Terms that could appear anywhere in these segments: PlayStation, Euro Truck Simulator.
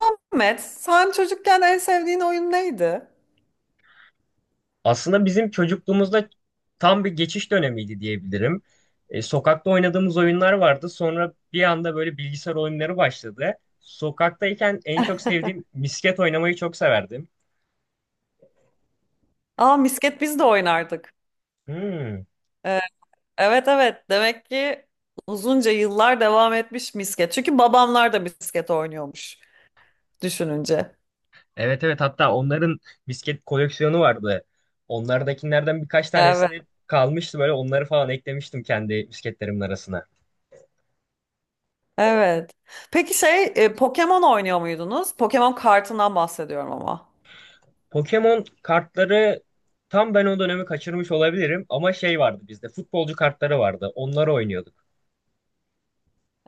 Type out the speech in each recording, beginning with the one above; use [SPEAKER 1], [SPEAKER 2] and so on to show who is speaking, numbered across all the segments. [SPEAKER 1] Ahmet, sen çocukken en sevdiğin oyun neydi?
[SPEAKER 2] Aslında bizim çocukluğumuzda tam bir geçiş dönemiydi diyebilirim. Sokakta oynadığımız oyunlar vardı. Sonra bir anda böyle bilgisayar oyunları başladı. Sokaktayken en çok sevdiğim misket oynamayı çok severdim.
[SPEAKER 1] Aa, misket biz de oynardık.
[SPEAKER 2] Hmm.
[SPEAKER 1] Ee, evet evet, demek ki uzunca yıllar devam etmiş misket. Çünkü babamlar da misket oynuyormuş düşününce.
[SPEAKER 2] Evet, evet, hatta onların misket koleksiyonu vardı. Onlardakilerden birkaç
[SPEAKER 1] Evet.
[SPEAKER 2] tanesini kalmıştı, böyle onları falan eklemiştim kendi misketlerimin arasına.
[SPEAKER 1] Evet. Peki Pokemon oynuyor muydunuz? Pokemon kartından bahsediyorum ama.
[SPEAKER 2] Pokemon kartları tam ben o dönemi kaçırmış olabilirim ama şey vardı, bizde futbolcu kartları vardı. Onları oynuyorduk.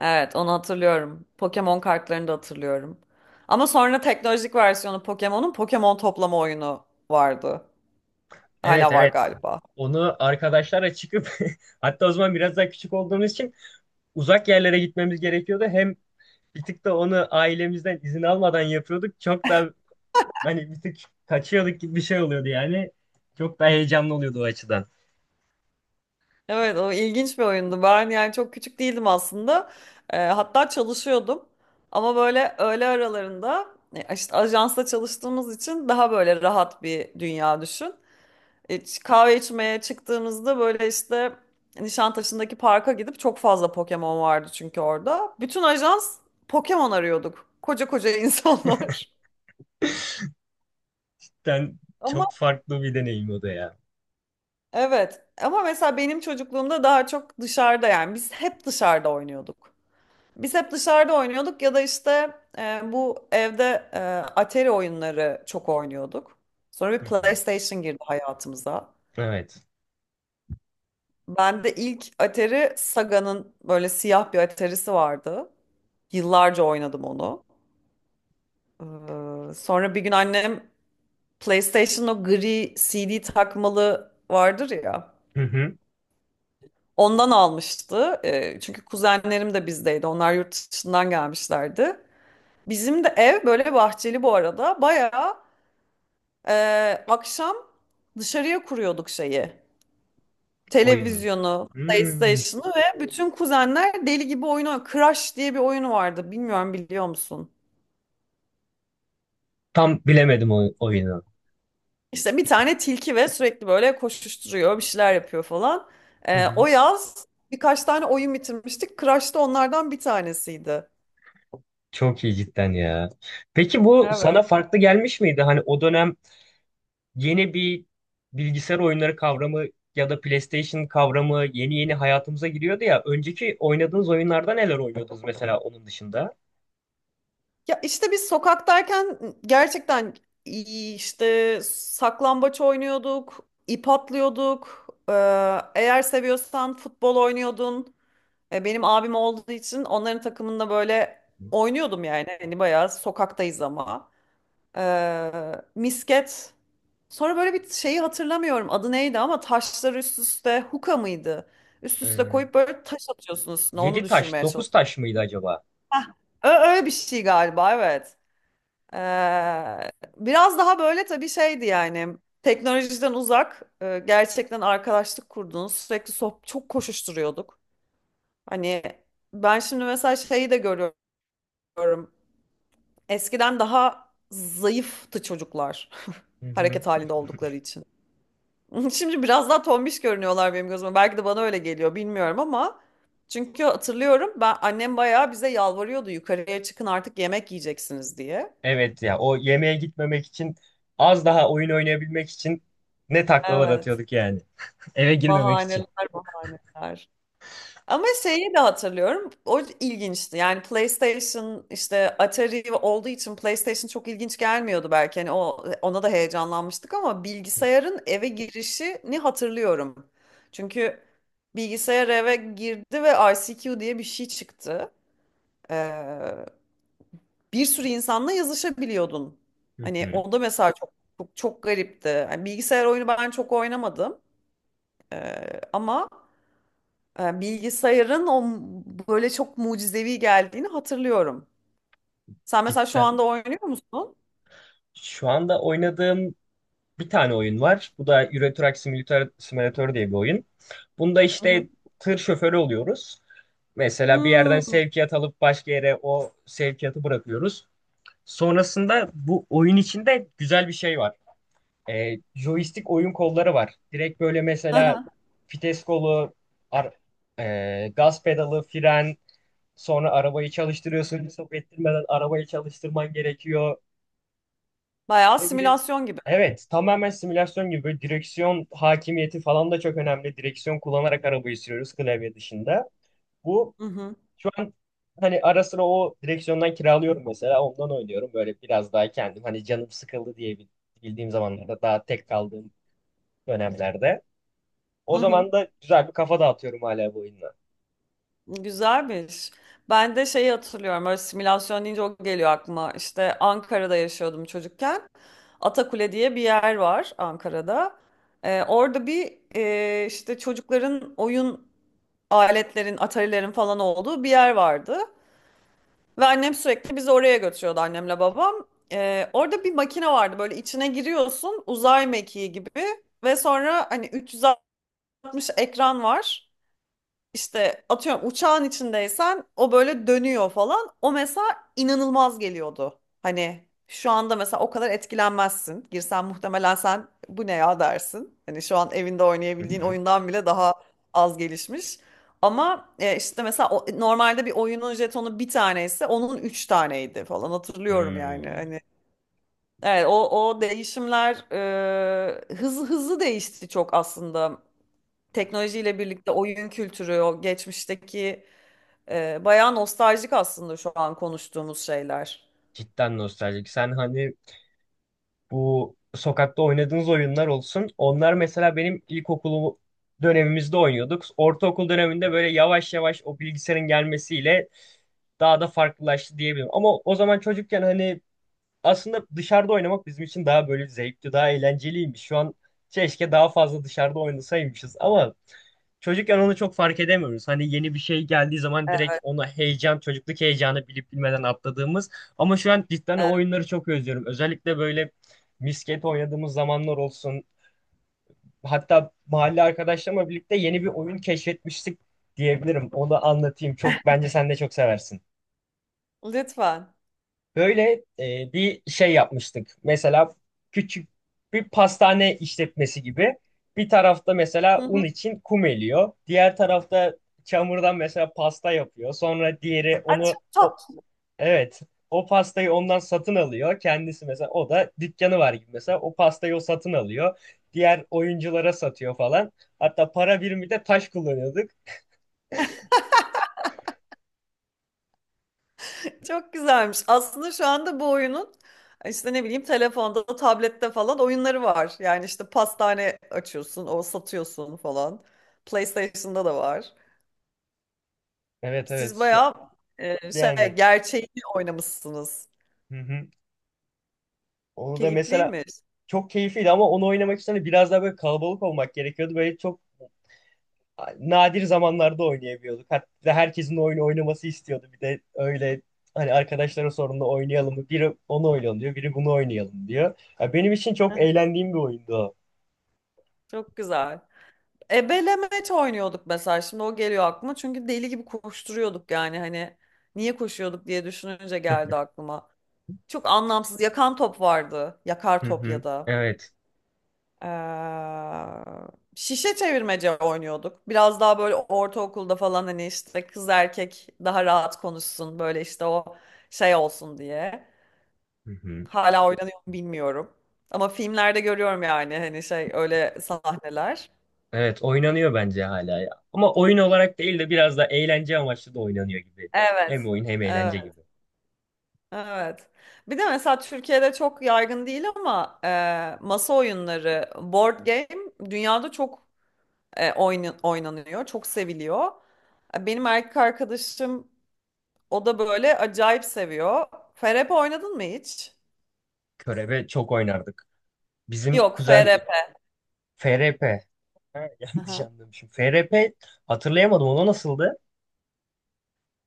[SPEAKER 1] Evet, onu hatırlıyorum. Pokemon kartlarını da hatırlıyorum. Ama sonra teknolojik versiyonu Pokemon'un Pokemon toplama oyunu vardı.
[SPEAKER 2] Evet,
[SPEAKER 1] Hala var
[SPEAKER 2] evet.
[SPEAKER 1] galiba.
[SPEAKER 2] Onu arkadaşlara çıkıp hatta o zaman biraz daha küçük olduğumuz için uzak yerlere gitmemiz gerekiyordu. Hem bir tık da onu ailemizden izin almadan yapıyorduk. Çok da hani bir tık kaçıyorduk gibi bir şey oluyordu yani. Çok daha heyecanlı oluyordu o açıdan.
[SPEAKER 1] Evet, o ilginç bir oyundu. Ben yani çok küçük değildim aslında. Hatta çalışıyordum. Ama böyle öğle aralarında işte ajansta çalıştığımız için daha böyle rahat bir dünya düşün. Kahve içmeye çıktığımızda böyle işte Nişantaşı'ndaki parka gidip çok fazla Pokemon vardı çünkü orada. Bütün ajans Pokemon arıyorduk. Koca koca insanlar.
[SPEAKER 2] Yani
[SPEAKER 1] Ama
[SPEAKER 2] çok farklı bir deneyim o da ya.
[SPEAKER 1] evet, ama mesela benim çocukluğumda daha çok dışarıda, yani biz hep dışarıda oynuyorduk. Biz hep dışarıda oynuyorduk ya da işte bu evde Atari oyunları çok oynuyorduk. Sonra bir
[SPEAKER 2] Hı hı.
[SPEAKER 1] PlayStation girdi hayatımıza.
[SPEAKER 2] Evet.
[SPEAKER 1] Ben de ilk Atari Saga'nın böyle siyah bir Atari'si vardı. Yıllarca oynadım onu. Sonra bir gün annem PlayStation'ın o gri CD takmalı vardır ya.
[SPEAKER 2] Hı hı.
[SPEAKER 1] Ondan almıştı. Çünkü kuzenlerim de bizdeydi. Onlar yurt dışından gelmişlerdi. Bizim de ev böyle bahçeli bu arada. Bayağı e, akşam dışarıya kuruyorduk şeyi.
[SPEAKER 2] Oyunu.
[SPEAKER 1] Televizyonu,
[SPEAKER 2] Hmm.
[SPEAKER 1] PlayStation'ı ve bütün kuzenler deli gibi oyunu Crash diye bir oyunu vardı. Bilmiyorum, biliyor musun?
[SPEAKER 2] Tam bilemedim o oyunu.
[SPEAKER 1] İşte bir tane tilki ve sürekli böyle koşuşturuyor, bir şeyler yapıyor falan.
[SPEAKER 2] Hı
[SPEAKER 1] O
[SPEAKER 2] hı.
[SPEAKER 1] yaz birkaç tane oyun bitirmiştik. Crash da onlardan bir tanesiydi.
[SPEAKER 2] Çok iyi cidden ya. Peki bu sana
[SPEAKER 1] Evet.
[SPEAKER 2] farklı gelmiş miydi? Hani o dönem yeni bir bilgisayar oyunları kavramı ya da PlayStation kavramı yeni yeni hayatımıza giriyordu ya. Önceki oynadığınız oyunlarda neler oynuyordunuz mesela onun dışında?
[SPEAKER 1] Ya işte biz sokaktayken gerçekten iyi işte saklambaç oynuyorduk, ip atlıyorduk. Eğer seviyorsan futbol oynuyordun. Benim abim olduğu için onların takımında böyle oynuyordum yani. Hani bayağı sokaktayız ama. Misket. Sonra böyle bir şeyi hatırlamıyorum adı neydi ama taşları üst üste huka mıydı? Üst üste
[SPEAKER 2] Ee,
[SPEAKER 1] koyup böyle taş atıyorsunuz, üstüne onu
[SPEAKER 2] 7 taş,
[SPEAKER 1] düşürmeye
[SPEAKER 2] 9
[SPEAKER 1] çalışıyorsun.
[SPEAKER 2] taş mıydı acaba?
[SPEAKER 1] Öyle bir şey galiba, evet. Ee, biraz daha böyle tabii şeydi yani teknolojiden uzak, gerçekten arkadaşlık kurduğunuz, sürekli sohbet, çok koşuşturuyorduk. Hani ben şimdi mesela şeyi de görüyorum, eskiden daha zayıftı çocuklar
[SPEAKER 2] Hı hı.
[SPEAKER 1] hareket halinde oldukları için. Şimdi biraz daha tombiş görünüyorlar benim gözüme. Belki de bana öyle geliyor bilmiyorum ama çünkü hatırlıyorum, ben annem bayağı bize yalvarıyordu yukarıya çıkın artık yemek yiyeceksiniz diye.
[SPEAKER 2] Evet ya, o yemeğe gitmemek için az daha oyun oynayabilmek için ne taklalar
[SPEAKER 1] Evet.
[SPEAKER 2] atıyorduk yani. Eve girmemek için.
[SPEAKER 1] Bahaneler bahaneler. Ama şeyi de hatırlıyorum. O ilginçti. Yani PlayStation, işte Atari olduğu için PlayStation çok ilginç gelmiyordu belki. Hani o, ona da heyecanlanmıştık ama bilgisayarın eve girişini hatırlıyorum. Çünkü bilgisayar eve girdi ve ICQ diye bir şey çıktı. Ee, bir sürü insanla yazışabiliyordun.
[SPEAKER 2] Hı
[SPEAKER 1] Hani
[SPEAKER 2] hı.
[SPEAKER 1] o da mesela çok çok garipti. Yani bilgisayar oyunu ben çok oynamadım. Ama bilgisayarın o böyle çok mucizevi geldiğini hatırlıyorum. Sen mesela şu
[SPEAKER 2] Cidden.
[SPEAKER 1] anda oynuyor musun?
[SPEAKER 2] Şu anda oynadığım bir tane oyun var. Bu da Euro Truck Simulator, Simulator diye bir oyun. Bunda
[SPEAKER 1] Hı hı.
[SPEAKER 2] işte tır şoförü oluyoruz. Mesela bir yerden
[SPEAKER 1] Hmm.
[SPEAKER 2] sevkiyat alıp başka yere o sevkiyatı bırakıyoruz. Sonrasında bu oyun içinde güzel bir şey var. Joystick oyun kolları var. Direkt böyle mesela
[SPEAKER 1] Aha.
[SPEAKER 2] vites kolu, ar- gaz pedalı, fren, sonra arabayı çalıştırıyorsun. Stop ettirmeden arabayı çalıştırman gerekiyor.
[SPEAKER 1] Bayağı
[SPEAKER 2] Ve bir de
[SPEAKER 1] simülasyon gibi.
[SPEAKER 2] evet, tamamen simülasyon gibi, böyle direksiyon hakimiyeti falan da çok önemli. Direksiyon kullanarak arabayı sürüyoruz klavye dışında. Bu
[SPEAKER 1] Hı hı.
[SPEAKER 2] şu an hani ara sıra o direksiyondan kiralıyorum mesela, ondan oynuyorum. Böyle biraz daha kendim hani canım sıkıldı diye bildiğim zamanlarda, daha tek kaldığım dönemlerde.
[SPEAKER 1] Hı
[SPEAKER 2] O
[SPEAKER 1] hı.
[SPEAKER 2] zaman da güzel bir kafa dağıtıyorum hala bu oyunla.
[SPEAKER 1] Güzelmiş. Ben de şeyi hatırlıyorum. Öyle simülasyon deyince o geliyor aklıma. İşte Ankara'da yaşıyordum çocukken. Atakule diye bir yer var Ankara'da. Orada bir işte çocukların oyun aletlerin, atarilerin falan olduğu bir yer vardı. Ve annem sürekli bizi oraya götürüyordu, annemle babam. Orada bir makine vardı, böyle içine giriyorsun uzay mekiği gibi ve sonra hani 360 ekran var. İşte atıyorum uçağın içindeysen o böyle dönüyor falan. O mesela inanılmaz geliyordu. Hani şu anda mesela o kadar etkilenmezsin. Girsen muhtemelen sen bu ne ya dersin. Hani şu an evinde
[SPEAKER 2] Hı
[SPEAKER 1] oynayabildiğin
[SPEAKER 2] hı.
[SPEAKER 1] oyundan bile daha az gelişmiş. Ama işte mesela normalde bir oyunun jetonu bir taneyse onun üç taneydi falan, hatırlıyorum yani.
[SPEAKER 2] Hmm.
[SPEAKER 1] Hani evet, o değişimler hızlı hızlı değişti çok aslında teknolojiyle birlikte oyun kültürü, o geçmişteki, bayağı nostaljik aslında şu an konuştuğumuz şeyler.
[SPEAKER 2] Cidden nostaljik. Sen hani bu sokakta oynadığınız oyunlar olsun. Onlar mesela benim ilkokulu dönemimizde oynuyorduk. Ortaokul döneminde böyle yavaş yavaş o bilgisayarın gelmesiyle daha da farklılaştı diyebilirim. Ama o zaman çocukken hani aslında dışarıda oynamak bizim için daha böyle zevkli, daha eğlenceliymiş. Şu an keşke daha fazla dışarıda oynasaymışız ama çocukken onu çok fark edemiyoruz. Hani yeni bir şey geldiği zaman direkt ona heyecan, çocukluk heyecanı bilip bilmeden atladığımız. Ama şu an cidden o
[SPEAKER 1] E,
[SPEAKER 2] oyunları çok özlüyorum. Özellikle böyle misket oynadığımız zamanlar olsun. Hatta mahalle arkadaşlarımla birlikte yeni bir oyun keşfetmiştik diyebilirim. Onu anlatayım. Çok bence sen de çok seversin.
[SPEAKER 1] lütfen.
[SPEAKER 2] Böyle bir şey yapmıştık. Mesela küçük bir pastane işletmesi gibi. Bir tarafta mesela
[SPEAKER 1] Hı
[SPEAKER 2] un
[SPEAKER 1] hı.
[SPEAKER 2] için kum eliyor. Diğer tarafta çamurdan mesela pasta yapıyor. Sonra diğeri
[SPEAKER 1] Ay,
[SPEAKER 2] onu
[SPEAKER 1] çok
[SPEAKER 2] o, evet, o pastayı ondan satın alıyor. Kendisi mesela, o da dükkanı var gibi, mesela o pastayı o satın alıyor. Diğer oyunculara satıyor falan. Hatta para birimi de taş kullanıyorduk.
[SPEAKER 1] tatlı, çok güzelmiş. Aslında şu anda bu oyunun işte ne bileyim telefonda, tablette falan oyunları var. Yani işte pastane açıyorsun, o satıyorsun falan. PlayStation'da da var.
[SPEAKER 2] Evet, evet,
[SPEAKER 1] Siz
[SPEAKER 2] şu
[SPEAKER 1] bayağı şey
[SPEAKER 2] yani,
[SPEAKER 1] gerçeğini oynamışsınız.
[SPEAKER 2] hı hı. Onu da mesela
[SPEAKER 1] Keyifliymiş.
[SPEAKER 2] çok keyifliydi ama onu oynamak için de biraz daha böyle kalabalık olmak gerekiyordu. Böyle çok nadir zamanlarda oynayabiliyorduk. Hatta herkesin oyunu oynaması istiyordu. Bir de öyle hani arkadaşlara sorduğunda oynayalım mı? Biri onu oynayalım diyor, biri bunu oynayalım diyor. Ya benim için çok
[SPEAKER 1] Aha,
[SPEAKER 2] eğlendiğim bir oyundu o.
[SPEAKER 1] çok güzel. Ebelemeç oynuyorduk mesela. Şimdi o geliyor aklıma. Çünkü deli gibi koşturuyorduk yani, hani niye koşuyorduk diye düşününce geldi aklıma. Çok anlamsız yakan top vardı. Yakar
[SPEAKER 2] Hı
[SPEAKER 1] top ya
[SPEAKER 2] hı.
[SPEAKER 1] da.
[SPEAKER 2] Evet.
[SPEAKER 1] Ee, şişe çevirmece oynuyorduk. Biraz daha böyle ortaokulda falan, hani işte kız erkek daha rahat konuşsun, böyle işte o şey olsun diye.
[SPEAKER 2] Hı hı.
[SPEAKER 1] Hala oynanıyor mu bilmiyorum. Ama filmlerde görüyorum yani hani şey öyle sahneler.
[SPEAKER 2] Evet, oynanıyor bence hala ya. Ama oyun olarak değil de biraz da eğlence amaçlı da oynanıyor gibi.
[SPEAKER 1] Evet.
[SPEAKER 2] Hem oyun hem eğlence
[SPEAKER 1] Evet.
[SPEAKER 2] gibi.
[SPEAKER 1] Evet. Bir de mesela Türkiye'de çok yaygın değil ama masa oyunları, board game dünyada çok oynanıyor, çok seviliyor. Benim erkek arkadaşım, o da böyle acayip seviyor. FRP oynadın mı hiç?
[SPEAKER 2] Körebe çok oynardık. Bizim
[SPEAKER 1] Yok
[SPEAKER 2] kuzen
[SPEAKER 1] FRP.
[SPEAKER 2] FRP. Ha, yanlış
[SPEAKER 1] Aha.
[SPEAKER 2] anlamışım. FRP hatırlayamadım. Ona nasıldı?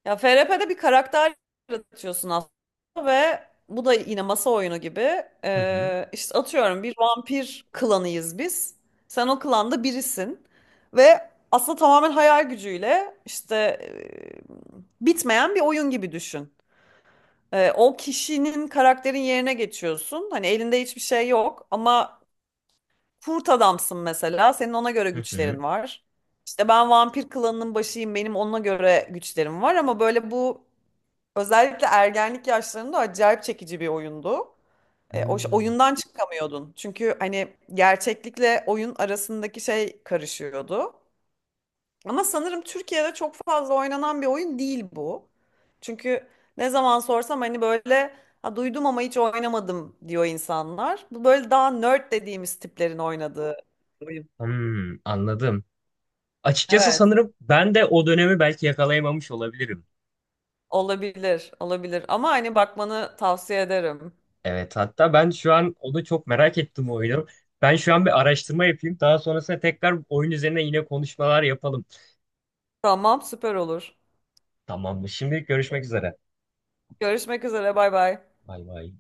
[SPEAKER 1] Ya FRP'de bir karakter yaratıyorsun aslında ve bu da yine masa oyunu gibi.
[SPEAKER 2] Hı hı.
[SPEAKER 1] İşte atıyorum bir vampir klanıyız biz. Sen o klanda birisin ve aslında tamamen hayal gücüyle işte, bitmeyen bir oyun gibi düşün. O kişinin karakterin yerine geçiyorsun. Hani elinde hiçbir şey yok ama kurt adamsın mesela. Senin ona göre
[SPEAKER 2] Hı hı.
[SPEAKER 1] güçlerin var. İşte ben vampir klanının başıyım. Benim ona göre güçlerim var ama böyle bu özellikle ergenlik yaşlarında acayip çekici bir oyundu.
[SPEAKER 2] Hmm,
[SPEAKER 1] Oyundan çıkamıyordun. Çünkü hani gerçeklikle oyun arasındaki şey karışıyordu. Ama sanırım Türkiye'de çok fazla oynanan bir oyun değil bu. Çünkü ne zaman sorsam hani böyle ha, duydum ama hiç oynamadım diyor insanlar. Bu böyle daha nerd dediğimiz tiplerin oynadığı.
[SPEAKER 2] hmm, anladım. Açıkçası
[SPEAKER 1] Evet,
[SPEAKER 2] sanırım ben de o dönemi belki yakalayamamış olabilirim.
[SPEAKER 1] olabilir, olabilir. Ama hani bakmanı tavsiye ederim.
[SPEAKER 2] Evet, hatta ben şu an onu çok merak ettim o oyunu. Ben şu an bir araştırma yapayım. Daha sonrasında tekrar oyun üzerine yine konuşmalar yapalım.
[SPEAKER 1] Tamam, süper olur.
[SPEAKER 2] Tamamdır. Şimdilik görüşmek üzere.
[SPEAKER 1] Görüşmek üzere, bay bay.
[SPEAKER 2] Bay bay.